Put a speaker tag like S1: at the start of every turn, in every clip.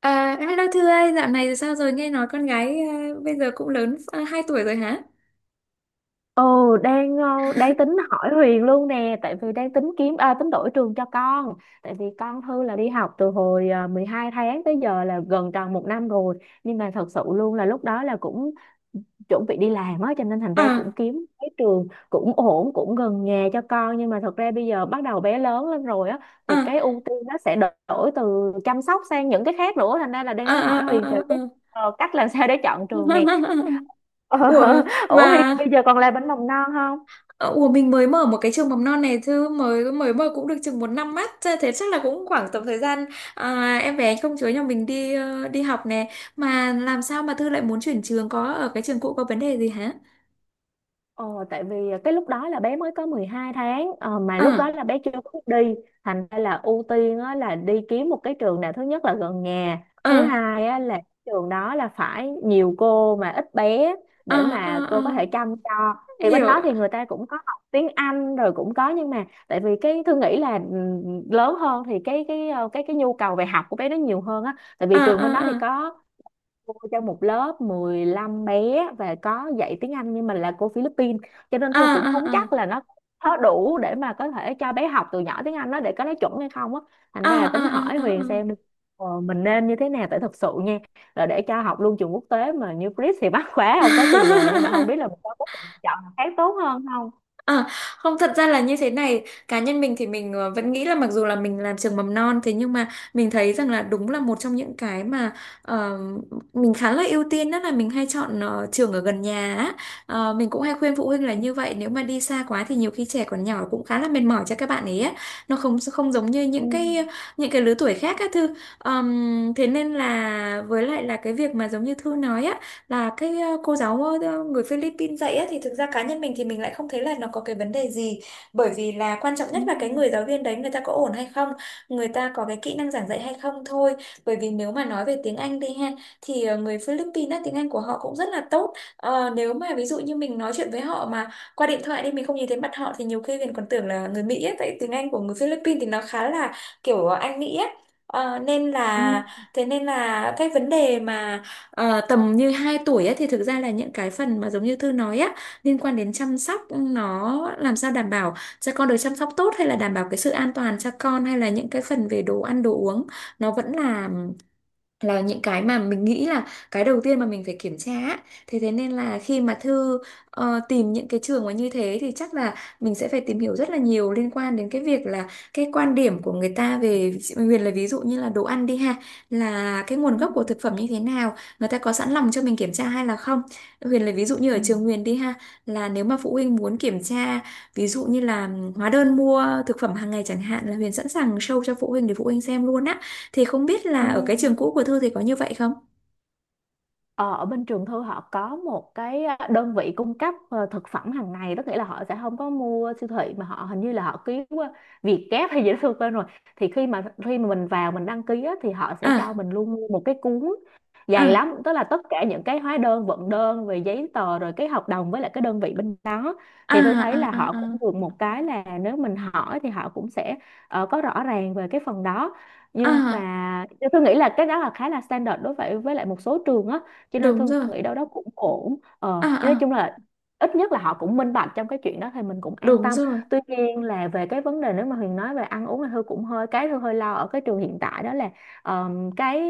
S1: À, hello Thư ơi, dạo này sao rồi, nghe nói con gái à, bây giờ cũng lớn 2 tuổi rồi hả?
S2: Ừ. Đang tính hỏi Huyền luôn nè, tại vì đang tính kiếm, tính đổi trường cho con. Tại vì con Thư là đi học từ hồi 12 tháng, tới giờ là gần tròn một năm rồi. Nhưng mà thật sự luôn là lúc đó là cũng chuẩn bị đi làm á, cho nên thành ra cũng
S1: À,
S2: kiếm cái trường cũng ổn, cũng gần nhà cho con. Nhưng mà thật ra bây giờ bắt đầu bé lớn lên rồi á, thì
S1: à,
S2: cái ưu tiên nó sẽ đổi từ chăm sóc sang những cái khác nữa, thành ra là đang
S1: à,
S2: tính
S1: à,
S2: hỏi
S1: à,
S2: Huyền
S1: à.
S2: về cái
S1: À.
S2: cách làm sao để chọn trường nè. Ờ,
S1: Ủa, mà,
S2: ủa Huyền bây giờ còn làm bánh mầm non không?
S1: ờ, ủa mình mới mở một cái trường mầm non này Thư, mới mới mở cũng được chừng một năm mắt, thế chắc là cũng khoảng tầm thời gian à, em bé công chúa nhà mình đi đi học nè. Mà làm sao mà Thư lại muốn chuyển trường, có ở cái trường cũ có vấn đề gì hả?
S2: Ờ, tại vì cái lúc đó là bé mới có 12 tháng mà lúc đó
S1: À,
S2: là bé chưa có đi, thành ra là ưu tiên á, là đi kiếm một cái trường nào, thứ nhất là gần nhà, thứ
S1: à,
S2: hai á, là trường đó là phải nhiều cô mà ít bé
S1: à,
S2: để mà
S1: à,
S2: cô có
S1: à,
S2: thể chăm cho. Thì bên
S1: hiểu,
S2: đó thì người ta cũng có học tiếng Anh rồi cũng có, nhưng mà tại vì cái Thư nghĩ là ừ, lớn hơn thì cái cái nhu cầu về học của bé nó nhiều hơn á, tại
S1: à,
S2: vì trường bên đó thì
S1: à, à,
S2: có cô cho một lớp 15 bé và có dạy tiếng Anh, nhưng mà là cô Philippines, cho nên
S1: à,
S2: Thư cũng không
S1: à, à,
S2: chắc là nó có đủ để mà có thể cho bé học từ nhỏ tiếng Anh đó để có nói chuẩn hay không á. Thành
S1: à,
S2: ra là
S1: à,
S2: tính hỏi Huyền
S1: à, à. À.
S2: xem đi, ờ, mình nên như thế nào, tại thật sự nha, là để cho học luôn trường quốc tế mà như Chris thì mắc quá, không có tiền rồi, nhưng mà không biết là mình có lựa chọn nào khác tốt hơn không.
S1: À, không thật ra là như thế này, cá nhân mình thì mình vẫn nghĩ là mặc dù là mình làm trường mầm non thế nhưng mà mình thấy rằng là đúng là một trong những cái mà ờ, mình khá là ưu tiên đó là mình hay chọn trường ở gần nhà á. Mình cũng hay khuyên phụ huynh là
S2: Ừ.
S1: như vậy, nếu mà đi xa quá thì nhiều khi trẻ còn nhỏ cũng khá là mệt mỏi cho các bạn ấy á. Nó không không giống như
S2: Ừ.
S1: những cái lứa tuổi khác á Thư. Thế nên là với lại là cái việc mà giống như Thư nói á, là cái cô giáo người Philippines dạy á, thì thực ra cá nhân mình thì mình lại không thấy là nó có cái vấn đề gì, bởi vì là quan trọng
S2: Ừ.
S1: nhất là cái người giáo viên đấy người ta có ổn hay không, người ta có cái kỹ năng giảng dạy hay không thôi, bởi vì nếu mà nói về tiếng Anh đi ha thì người Philippines á, tiếng Anh của họ cũng rất là tốt. Ờ, nếu mà ví dụ như mình nói chuyện với họ mà qua điện thoại đi, mình không nhìn thấy mặt họ thì nhiều khi mình còn tưởng là người Mỹ ấy, tại tiếng Anh của người Philippines thì nó khá là kiểu Anh Mỹ ấy. Ờ, nên
S2: Ừ.
S1: là thế nên là cái vấn đề mà tầm như 2 tuổi ấy, thì thực ra là những cái phần mà giống như Thư nói á liên quan đến chăm sóc, nó làm sao đảm bảo cho con được chăm sóc tốt hay là đảm bảo cái sự an toàn cho con hay là những cái phần về đồ ăn đồ uống, nó vẫn là những cái mà mình nghĩ là cái đầu tiên mà mình phải kiểm tra á. Thế thế nên là khi mà Thư tìm những cái trường mà như thế thì chắc là mình sẽ phải tìm hiểu rất là nhiều liên quan đến cái việc là cái quan điểm của người ta về Huyền là ví dụ như là đồ ăn đi ha, là cái nguồn
S2: Ừ.
S1: gốc của thực phẩm như thế nào, người ta có sẵn lòng cho mình kiểm tra hay là không. Huyền là ví dụ như ở
S2: Ừ.
S1: trường Huyền đi ha, là nếu mà phụ huynh muốn kiểm tra ví dụ như là hóa đơn mua thực phẩm hàng ngày chẳng hạn, là Huyền sẵn sàng show cho phụ huynh để phụ huynh xem luôn á, thì không biết
S2: Ừ.
S1: là ở cái
S2: Ừ.
S1: trường cũ của Thư thì có như vậy không?
S2: Ờ, ở bên trường Thư họ có một cái đơn vị cung cấp thực phẩm hàng ngày đó, nghĩa là họ sẽ không có mua siêu thị, mà họ hình như là họ ký qua Vietgap hay gì đó Thư quên rồi. Thì khi mà mình vào mình đăng ký á, thì họ sẽ cho
S1: À,
S2: mình luôn mua một cái cuốn dày
S1: à,
S2: lắm, tức là tất cả những cái hóa đơn vận đơn về giấy tờ, rồi cái hợp đồng với lại cái đơn vị bên đó.
S1: à,
S2: Thì tôi thấy
S1: à,
S2: là họ
S1: à,
S2: cũng
S1: à,
S2: được một cái là nếu mình hỏi thì họ cũng sẽ có rõ ràng về cái phần đó. Nhưng
S1: à,
S2: mà tôi nghĩ là cái đó là khá là standard đối với lại một số trường á, cho nên
S1: đúng
S2: tôi
S1: rồi.
S2: nghĩ đâu đó cũng ổn.
S1: À,
S2: Ờ, nhưng nói
S1: à,
S2: chung là ít nhất là họ cũng minh bạch trong cái chuyện đó thì mình cũng an
S1: đúng
S2: tâm.
S1: rồi.
S2: Tuy nhiên là về cái vấn đề nếu mà Huyền nói về ăn uống thì Hương cũng hơi, cái Hương hơi lo ở cái trường hiện tại, đó là ờ, cái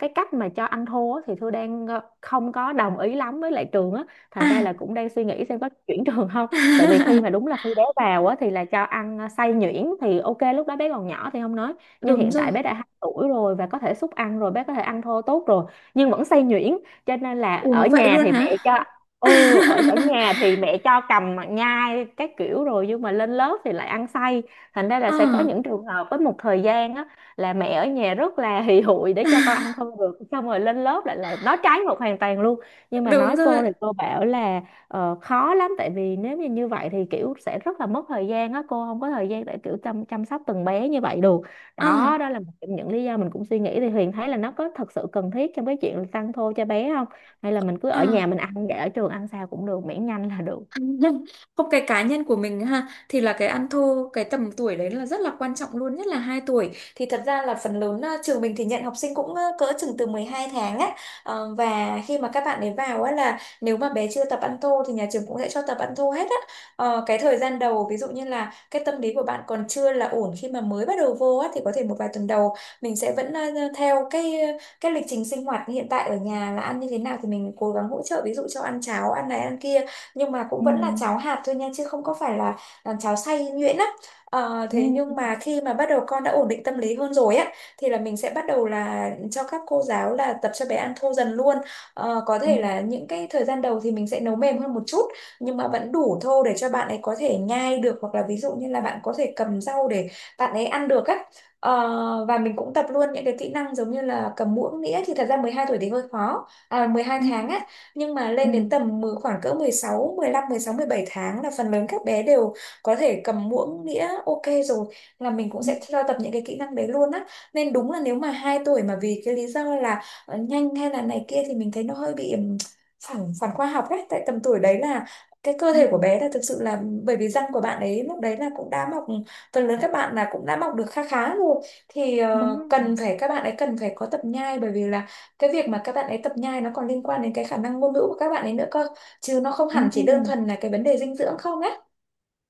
S2: cái cách mà cho anh thua á, thì Thư đang không có đồng ý lắm với lại trường á, thành ra
S1: À,
S2: là cũng đang suy nghĩ xem có chuyển trường không. Tại vì khi mà, đúng là khi bé vào á thì là cho ăn xay nhuyễn thì ok, lúc đó bé còn nhỏ thì không nói, nhưng
S1: đúng
S2: hiện
S1: rồi.
S2: tại bé đã 2 tuổi rồi và có thể xúc ăn rồi, bé có thể ăn thô tốt rồi nhưng vẫn xay nhuyễn. Cho nên là ở
S1: Ủa vậy
S2: nhà
S1: luôn
S2: thì mẹ
S1: hả?
S2: cho, ừ, ở ở nhà thì mẹ cho cầm nhai các kiểu rồi, nhưng mà lên lớp thì lại ăn xay. Thành ra là
S1: Ờ,
S2: sẽ có những trường hợp với một thời gian á, là mẹ ở nhà rất là hì hụi để cho con ăn không được, xong rồi lên lớp lại là nói trái ngược hoàn toàn luôn. Nhưng mà
S1: đúng
S2: nói
S1: rồi.
S2: cô thì cô bảo là khó lắm, tại vì nếu như như vậy thì kiểu sẽ rất là mất thời gian á, cô không có thời gian để kiểu chăm, chăm sóc từng bé như vậy được.
S1: Ờ,
S2: Đó, đó là một trong những lý do mình cũng suy nghĩ, thì Huyền thấy là nó có thật sự cần thiết trong cái chuyện là tăng thô cho bé không, hay là mình cứ
S1: ờ.
S2: ở nhà mình ăn, để ở trường ăn sao cũng được miễn nhanh là được.
S1: Không, cái cá nhân của mình ha thì là cái ăn thô cái tầm tuổi đấy là rất là quan trọng luôn, nhất là 2 tuổi thì thật ra là phần lớn trường mình thì nhận học sinh cũng cỡ chừng từ 12 tháng á. Và khi mà các bạn ấy vào á là nếu mà bé chưa tập ăn thô thì nhà trường cũng sẽ cho tập ăn thô hết á. Cái thời gian đầu ví dụ như là cái tâm lý của bạn còn chưa là ổn khi mà mới bắt đầu vô á thì có thể một vài tuần đầu mình sẽ vẫn theo cái lịch trình sinh hoạt hiện tại ở nhà là ăn như thế nào thì mình cố gắng hỗ trợ ví dụ cho ăn cháo ăn này ăn kia, nhưng mà cũng
S2: Ừ.
S1: vẫn là cháo hạt thôi nha, chứ không có phải là, cháo xay nhuyễn á.
S2: Ừ.
S1: Thế nhưng mà khi mà bắt đầu con đã ổn định tâm lý hơn rồi á thì là mình sẽ bắt đầu là cho các cô giáo là tập cho bé ăn thô dần luôn. Có
S2: Ừ.
S1: thể là những cái thời gian đầu thì mình sẽ nấu mềm hơn một chút, nhưng mà vẫn đủ thô để cho bạn ấy có thể nhai được, hoặc là ví dụ như là bạn có thể cầm rau để bạn ấy ăn được á. Và mình cũng tập luôn những cái kỹ năng giống như là cầm muỗng đĩa, thì thật ra 12 tuổi thì hơi khó, à, 12
S2: Ừ.
S1: tháng á, nhưng mà
S2: Ừ.
S1: lên đến tầm khoảng cỡ 16, 15, 16, 17 tháng là phần lớn các bé đều có thể cầm muỗng đĩa ok rồi, là mình cũng
S2: Ừ.
S1: sẽ cho tập những cái kỹ năng đấy luôn á. Nên đúng là nếu mà 2 tuổi mà vì cái lý do là nhanh hay là này kia thì mình thấy nó hơi bị phản phản khoa học đấy, tại tầm tuổi đấy là cái cơ thể của
S2: Ừ.
S1: bé là thực sự là, bởi vì răng của bạn ấy lúc đấy là cũng đã mọc phần lớn các bạn là cũng đã mọc được khá khá rồi, thì
S2: Đúng
S1: cần
S2: rồi.
S1: phải, các bạn ấy cần phải có tập nhai, bởi vì là cái việc mà các bạn ấy tập nhai nó còn liên quan đến cái khả năng ngôn ngữ của các bạn ấy nữa cơ, chứ nó không
S2: Ừ.
S1: hẳn chỉ đơn thuần là cái vấn đề dinh dưỡng không á.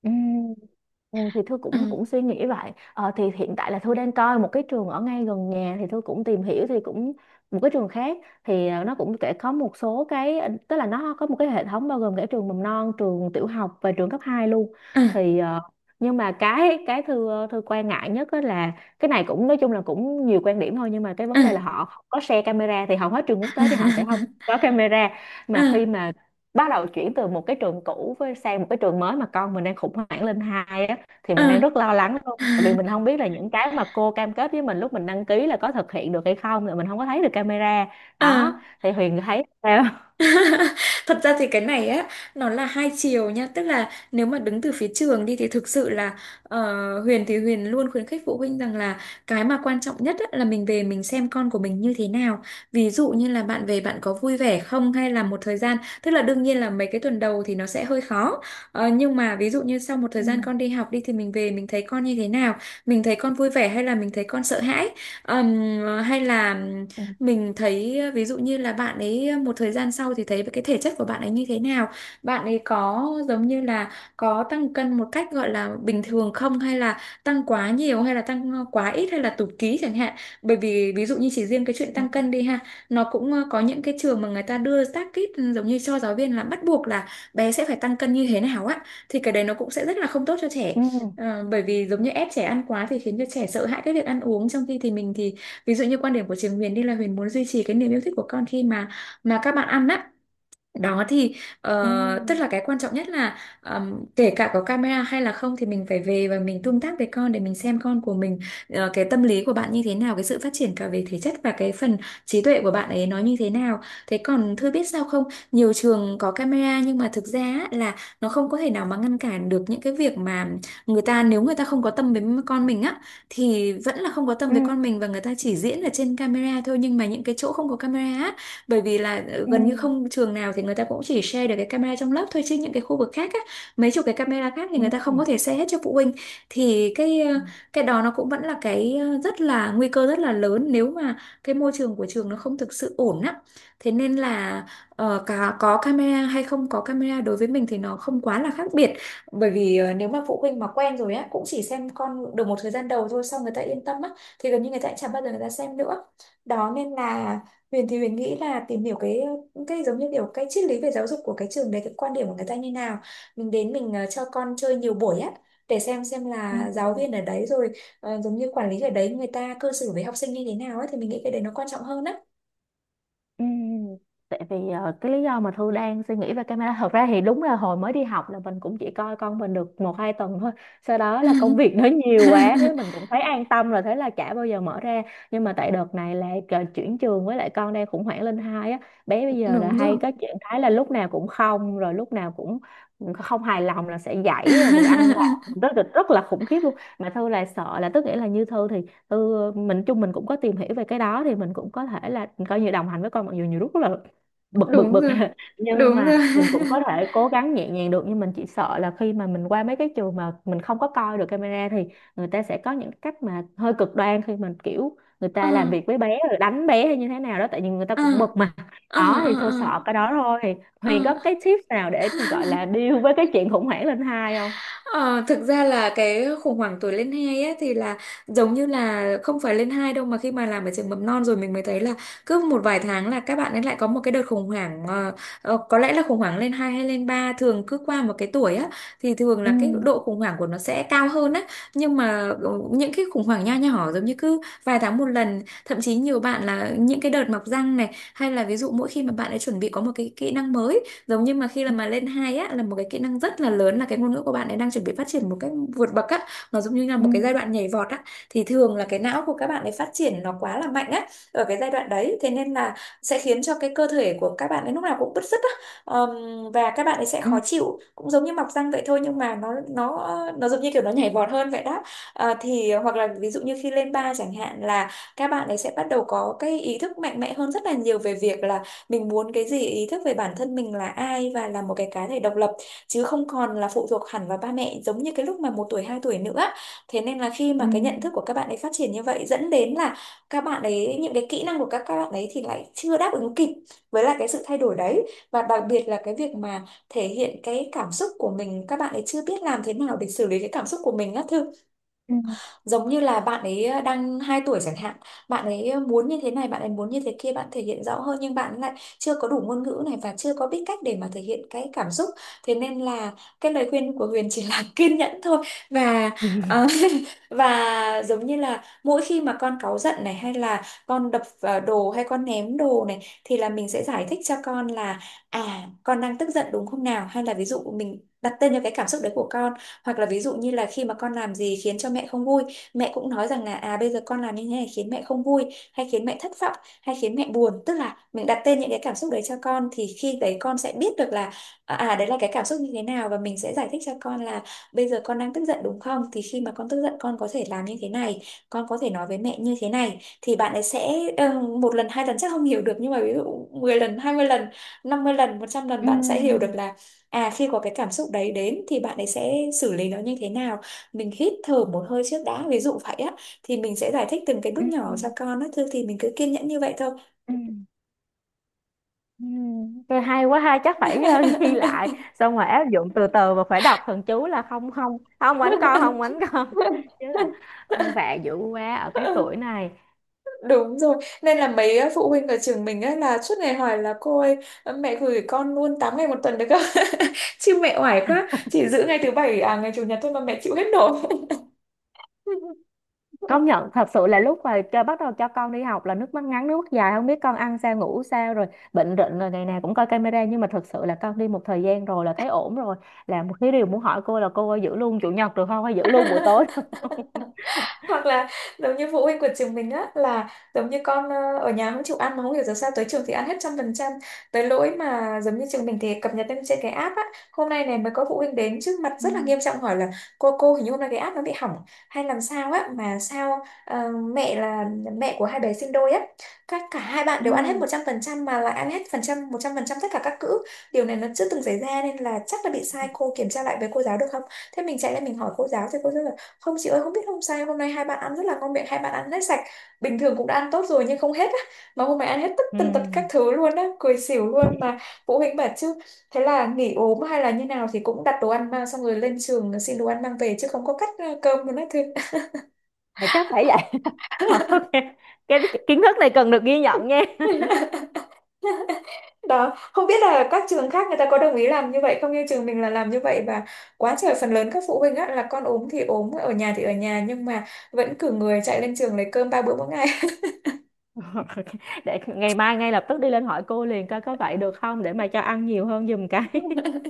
S2: Ừ. Ừ, thì Thư cũng cũng
S1: Ừ.
S2: suy nghĩ vậy. Ờ, thì hiện tại là Thư đang coi một cái trường ở ngay gần nhà, thì Thư cũng tìm hiểu thì cũng một cái trường khác. Thì ờ, nó cũng kể có một số cái tức là nó có một cái hệ thống bao gồm cả trường mầm non, trường tiểu học và trường cấp 2 luôn.
S1: Ừ.
S2: Thì ờ, nhưng mà cái Thư Thư quan ngại nhất á là cái này cũng nói chung là cũng nhiều quan điểm thôi, nhưng mà cái vấn
S1: Ừ.
S2: đề là họ không có share camera, thì hầu hết trường quốc tế thì họ sẽ không có camera. Mà khi
S1: Ừ.
S2: mà bắt đầu chuyển từ một cái trường cũ với sang một cái trường mới, mà con mình đang khủng hoảng lên 2 á, thì mình
S1: Ừ.
S2: đang rất lo lắng luôn, tại vì mình không biết là những cái mà cô cam kết với mình lúc mình đăng ký là có thực hiện được hay không, là mình không có thấy được camera.
S1: Ừ.
S2: Đó thì Huyền thấy sao?
S1: Thật ra thì cái này á, nó là hai chiều nha, tức là nếu mà đứng từ phía trường đi thì thực sự là, Huyền thì Huyền luôn khuyến khích phụ huynh rằng là cái mà quan trọng nhất á, là mình về mình xem con của mình như thế nào, ví dụ như là bạn về bạn có vui vẻ không, hay là một thời gian, tức là đương nhiên là mấy cái tuần đầu thì nó sẽ hơi khó. Nhưng mà ví dụ như sau một thời
S2: Ừ.
S1: gian con đi học đi thì mình về mình thấy con như thế nào, mình thấy con vui vẻ hay là mình thấy con sợ hãi, Ờm, hay là
S2: Ừ.
S1: mình thấy ví dụ như là bạn ấy một thời gian sau thì thấy cái thể chất của bạn ấy như thế nào, bạn ấy có giống như là có tăng cân một cách gọi là bình thường không, hay là tăng quá nhiều hay là tăng quá ít hay là tụt ký chẳng hạn, bởi vì ví dụ như chỉ riêng cái chuyện tăng
S2: Ừ.
S1: cân đi ha, nó cũng có những cái trường mà người ta đưa target giống như cho giáo viên là bắt buộc là bé sẽ phải tăng cân như thế nào á, thì cái đấy nó cũng sẽ rất là không tốt cho trẻ.
S2: Ừ.
S1: Bởi vì giống như ép trẻ ăn quá thì khiến cho trẻ sợ hãi cái việc ăn uống, trong khi thì mình thì ví dụ như quan điểm của trường Huyền đi là Huyền muốn duy trì cái niềm yêu thích của con khi mà các bạn ăn á. Đó thì
S2: Ừ.
S1: tức là cái quan trọng nhất là, kể cả có camera hay là không thì mình phải về và mình tương tác với con để mình xem con của mình, cái tâm lý của bạn như thế nào, cái sự phát triển cả về thể chất và cái phần trí tuệ của bạn ấy nó như thế nào. Thế còn Thư biết sao không? Nhiều trường có camera nhưng mà thực ra á, là nó không có thể nào mà ngăn cản được những cái việc mà người ta, nếu người ta không có tâm với con mình á thì vẫn là không có tâm với
S2: Ừ.
S1: con mình, và người ta chỉ diễn ở trên camera thôi. Nhưng mà những cái chỗ không có camera á, bởi vì là
S2: Ừ.
S1: gần như không trường nào thì người ta cũng chỉ share được cái camera trong lớp thôi, chứ những cái khu vực khác á, mấy chục cái camera khác thì người ta không có
S2: Ừ.
S1: thể share hết cho phụ huynh. Thì cái đó nó cũng vẫn là rất là nguy cơ, rất là lớn, nếu mà cái môi trường của trường nó không thực sự ổn á. Thế nên là cả có camera hay không có camera đối với mình thì nó không quá là khác biệt. Bởi vì nếu mà phụ huynh mà quen rồi á cũng chỉ xem con được một thời gian đầu thôi, xong người ta yên tâm á thì gần như người ta chả bao giờ người ta xem nữa. Đó nên là Huyền thì Huyền nghĩ là tìm hiểu cái giống như kiểu cái triết lý về giáo dục của cái trường đấy, cái quan điểm của người ta như nào. Mình đến, mình cho con chơi nhiều buổi á để xem
S2: Ừ.
S1: là
S2: Ừ.
S1: giáo viên ở đấy rồi giống như quản lý ở đấy người ta cư xử với học sinh như thế nào ấy, thì mình nghĩ cái đấy nó quan trọng hơn á.
S2: Ừm, tại vì cái lý do mà Thư đang suy nghĩ về camera, thật ra thì đúng là hồi mới đi học là mình cũng chỉ coi con mình được một hai tuần thôi, sau đó là công việc nó nhiều quá đấy, mình cũng thấy an tâm rồi thế là chả bao giờ mở ra. Nhưng mà tại đợt này là chuyển trường, với lại con đang khủng hoảng lên hai á, bé bây giờ là
S1: Đúng
S2: hay
S1: rồi,
S2: có chuyện thái là lúc nào cũng không, rồi lúc nào cũng không hài lòng là sẽ dãy, rồi mình ăn vạ rất là khủng khiếp luôn. Mà Thư là sợ là, tức nghĩa là như Thư thì ừ, mình chung mình cũng có tìm hiểu về cái đó, thì mình cũng có thể là coi như đồng hành với con, mặc dù nhiều lúc rất là bực bực
S1: đúng
S2: bực
S1: rồi,
S2: nhưng
S1: đúng
S2: mà
S1: rồi.
S2: mình cũng có thể cố gắng nhẹ nhàng được. Nhưng mình chỉ sợ là khi mà mình qua mấy cái trường mà mình không có coi được camera, thì người ta sẽ có những cách mà hơi cực đoan khi mà kiểu người
S1: Ừ,
S2: ta làm việc với bé, rồi đánh bé hay như thế nào đó, tại vì người ta
S1: ừ,
S2: cũng bực mà.
S1: ừ,
S2: Đó thì thôi,
S1: ừ,
S2: sợ cái đó thôi. Thì
S1: ừ.
S2: Huyền có cái tips nào để gọi là deal với cái chuyện khủng hoảng lên 2 không?
S1: Ờ, Thực ra là cái khủng hoảng tuổi lên hai á thì là giống như là không phải lên hai đâu, mà khi mà làm ở trường mầm non rồi mình mới thấy là cứ một vài tháng là các bạn ấy lại có một cái đợt khủng hoảng. Ờ, có lẽ là khủng hoảng lên hai hay lên ba, thường cứ qua một cái tuổi á thì thường
S2: Ừ.
S1: là cái độ khủng hoảng của nó sẽ cao hơn á. Nhưng mà những cái khủng hoảng nho nhỏ giống như cứ vài tháng một lần, thậm chí nhiều bạn là những cái đợt mọc răng này, hay là ví dụ mỗi khi mà bạn ấy chuẩn bị có một cái kỹ năng mới. Giống như mà khi là
S2: Ừ.
S1: mà lên hai á là một cái kỹ năng rất là lớn, là cái ngôn ngữ của bạn ấy đang chuẩn bị phát triển một cách vượt bậc á. Nó giống như là một cái giai đoạn nhảy vọt á. Thì thường là cái não của các bạn ấy phát triển nó quá là mạnh á ở cái giai đoạn đấy, thế nên là sẽ khiến cho cái cơ thể của các bạn ấy lúc nào cũng bứt rứt á. Và các bạn ấy sẽ khó
S2: Ừ.
S1: chịu cũng giống như mọc răng vậy thôi, nhưng mà nó giống như kiểu nó nhảy vọt hơn vậy đó. Thì hoặc là ví dụ như khi lên ba chẳng hạn là các bạn ấy sẽ bắt đầu có cái ý thức mạnh mẽ hơn rất là nhiều về việc là mình muốn cái gì, ý thức về bản thân mình là ai và là một cái cá thể độc lập, chứ không còn là phụ thuộc hẳn vào ba mẹ giống như cái lúc mà 1 tuổi 2 tuổi nữa. Thế nên là khi
S2: Ừ.
S1: mà cái nhận thức của các bạn ấy phát triển như vậy, dẫn đến là các bạn ấy, những cái kỹ năng của các bạn ấy thì lại chưa đáp ứng kịp với lại cái sự thay đổi đấy. Và đặc biệt là cái việc mà thể hiện cái cảm xúc của mình, các bạn ấy chưa biết làm thế nào để xử lý cái cảm xúc của mình á Thư.
S2: Ừ.
S1: Giống như là bạn ấy đang 2 tuổi chẳng hạn, bạn ấy muốn như thế này, bạn ấy muốn như thế kia, bạn thể hiện rõ hơn, nhưng bạn lại chưa có đủ ngôn ngữ này và chưa có biết cách để mà thể hiện cái cảm xúc. Thế nên là cái lời khuyên của Huyền chỉ là kiên nhẫn thôi. Và
S2: Ừ.
S1: ờ, và giống như là mỗi khi mà con cáu giận này, hay là con đập vào đồ hay con ném đồ này, thì là mình sẽ giải thích cho con là à, con đang tức giận đúng không nào, hay là ví dụ mình đặt tên cho cái cảm xúc đấy của con. Hoặc là ví dụ như là khi mà con làm gì khiến cho mẹ không vui, mẹ cũng nói rằng là à bây giờ con làm như thế này khiến mẹ không vui, hay khiến mẹ thất vọng, hay khiến mẹ buồn, tức là mình đặt tên những cái cảm xúc đấy cho con, thì khi đấy con sẽ biết được là à à, đấy là cái cảm xúc như thế nào. Và mình sẽ giải thích cho con là bây giờ con đang tức giận đúng không, thì khi mà con tức giận con có thể làm như thế này, con có thể nói với mẹ như thế này, thì bạn ấy sẽ 1 lần 2 lần chắc không hiểu được, nhưng mà ví dụ 10 lần 20 lần 50 lần 100 lần bạn sẽ hiểu được
S2: Ừ.
S1: là à khi có cái cảm xúc đấy đến thì bạn ấy sẽ xử lý nó như thế nào. Mình hít thở một hơi trước đã, ví dụ vậy á, thì mình sẽ giải thích từng cái
S2: Ừ.
S1: bước
S2: Ừ.
S1: nhỏ cho con á. Thôi thì mình cứ kiên nhẫn như vậy thôi.
S2: Ừ. Ừ. Tôi hay quá ha, chắc phải ghi lại, xong rồi áp dụng từ từ, và phải đọc thần chú là không không không quánh con, không quánh con chứ là ăn vạ dữ quá ở cái tuổi này.
S1: Đúng rồi, nên là mấy phụ huynh ở trường mình á là suốt ngày hỏi là cô ơi, mẹ gửi con luôn 8 ngày 1 tuần được không? Chứ mẹ oải quá, chỉ giữ ngày thứ bảy à ngày chủ nhật thôi mà mẹ chịu hết nổi.
S2: Công nhận, thật sự là lúc mà cho bắt đầu cho con đi học là nước mắt ngắn nước mắt dài, không biết con ăn sao ngủ sao, rồi bệnh rịnh, rồi ngày nào cũng coi camera, nhưng mà thật sự là con đi một thời gian rồi là thấy ổn rồi. Là một cái điều muốn hỏi cô là cô ơi, giữ luôn chủ nhật được không, hay giữ luôn buổi tối?
S1: Hoặc là giống như phụ huynh của trường mình á là giống như con ở nhà không chịu ăn, mà không hiểu giờ sao tới trường thì ăn hết 100%, tới lỗi mà giống như trường mình thì cập nhật lên trên cái app á. Hôm nay này mới có phụ huynh đến trước mặt
S2: Ừ.
S1: rất là nghiêm trọng hỏi là cô hình như hôm nay cái app nó bị hỏng hay làm sao á, mà sao mẹ là mẹ của hai bé sinh đôi á, các cả hai bạn
S2: Ừ.
S1: đều ăn hết 100% mà lại ăn hết phần trăm 100% tất cả các cữ. Điều này nó chưa từng xảy ra nên là chắc là bị sai, cô kiểm tra lại với cô giáo được không. Thế mình chạy lại mình hỏi cô giáo thì cô giáo không, chị ơi không biết không, sao hôm nay hai bạn ăn rất là ngon miệng, hai bạn ăn hết sạch, bình thường cũng đã ăn tốt rồi nhưng không hết á, mà hôm nay ăn hết tất
S2: Ừ.
S1: tần tật các thứ luôn á, cười xỉu luôn mà. Phụ huynh bảo chứ thế là nghỉ ốm hay là như nào thì cũng đặt đồ ăn mang, xong rồi lên trường xin đồ ăn mang về, chứ không có cắt cơm luôn á thưa.
S2: Là chắc phải ok, cái kiến thức này cần được ghi nhận nha.
S1: Đó không biết là các trường khác người ta có đồng ý làm như vậy không, như trường mình là làm như vậy. Và quá trời phần lớn các phụ huynh á là con ốm thì ốm ở nhà thì ở nhà, nhưng mà vẫn cử người chạy lên trường lấy cơm 3 bữa mỗi ngày.
S2: Để ngày mai ngay lập tức đi lên hỏi cô liền coi có vậy được không, để mà cho ăn nhiều hơn giùm cái.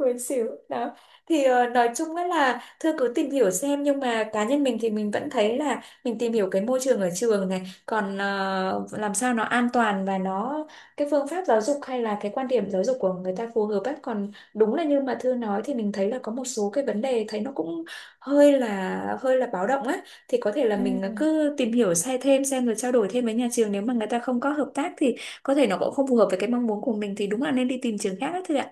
S1: Buồn xỉu đó. Thì nói chung á là thưa cứ tìm hiểu xem, nhưng mà cá nhân mình thì mình vẫn thấy là mình tìm hiểu cái môi trường ở trường này còn làm sao nó an toàn và nó cái phương pháp giáo dục hay là cái quan điểm giáo dục của người ta phù hợp ấy. Còn đúng là như mà Thư nói thì mình thấy là có một số cái vấn đề thấy nó cũng hơi là báo động á, thì có thể là
S2: Ừ.
S1: mình cứ tìm hiểu sai thêm xem rồi trao đổi thêm với nhà trường. Nếu mà người ta không có hợp tác thì có thể nó cũng không phù hợp với cái mong muốn của mình, thì đúng là nên đi tìm trường khác á Thư ạ.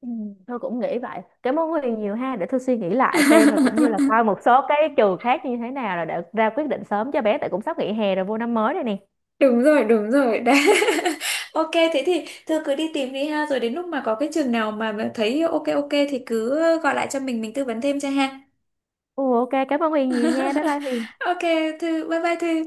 S2: Ừ. Tôi cũng nghĩ vậy, cảm ơn Huyền nhiều ha. Để tôi suy nghĩ lại xem, rồi cũng như là coi một số cái trường khác như thế nào rồi để ra quyết định sớm cho bé, tại cũng sắp nghỉ hè rồi, vô năm mới rồi nè.
S1: Đúng rồi, đúng rồi đấy. Ok, thế thì thưa cứ đi tìm đi ha, rồi đến lúc mà có cái trường nào mà thấy ok ok thì cứ gọi lại cho mình tư vấn thêm cho ha.
S2: Ồ, ok, cảm ơn Huyền nhiều nha, bye bye Huyền.
S1: Ok, thư bye bye thư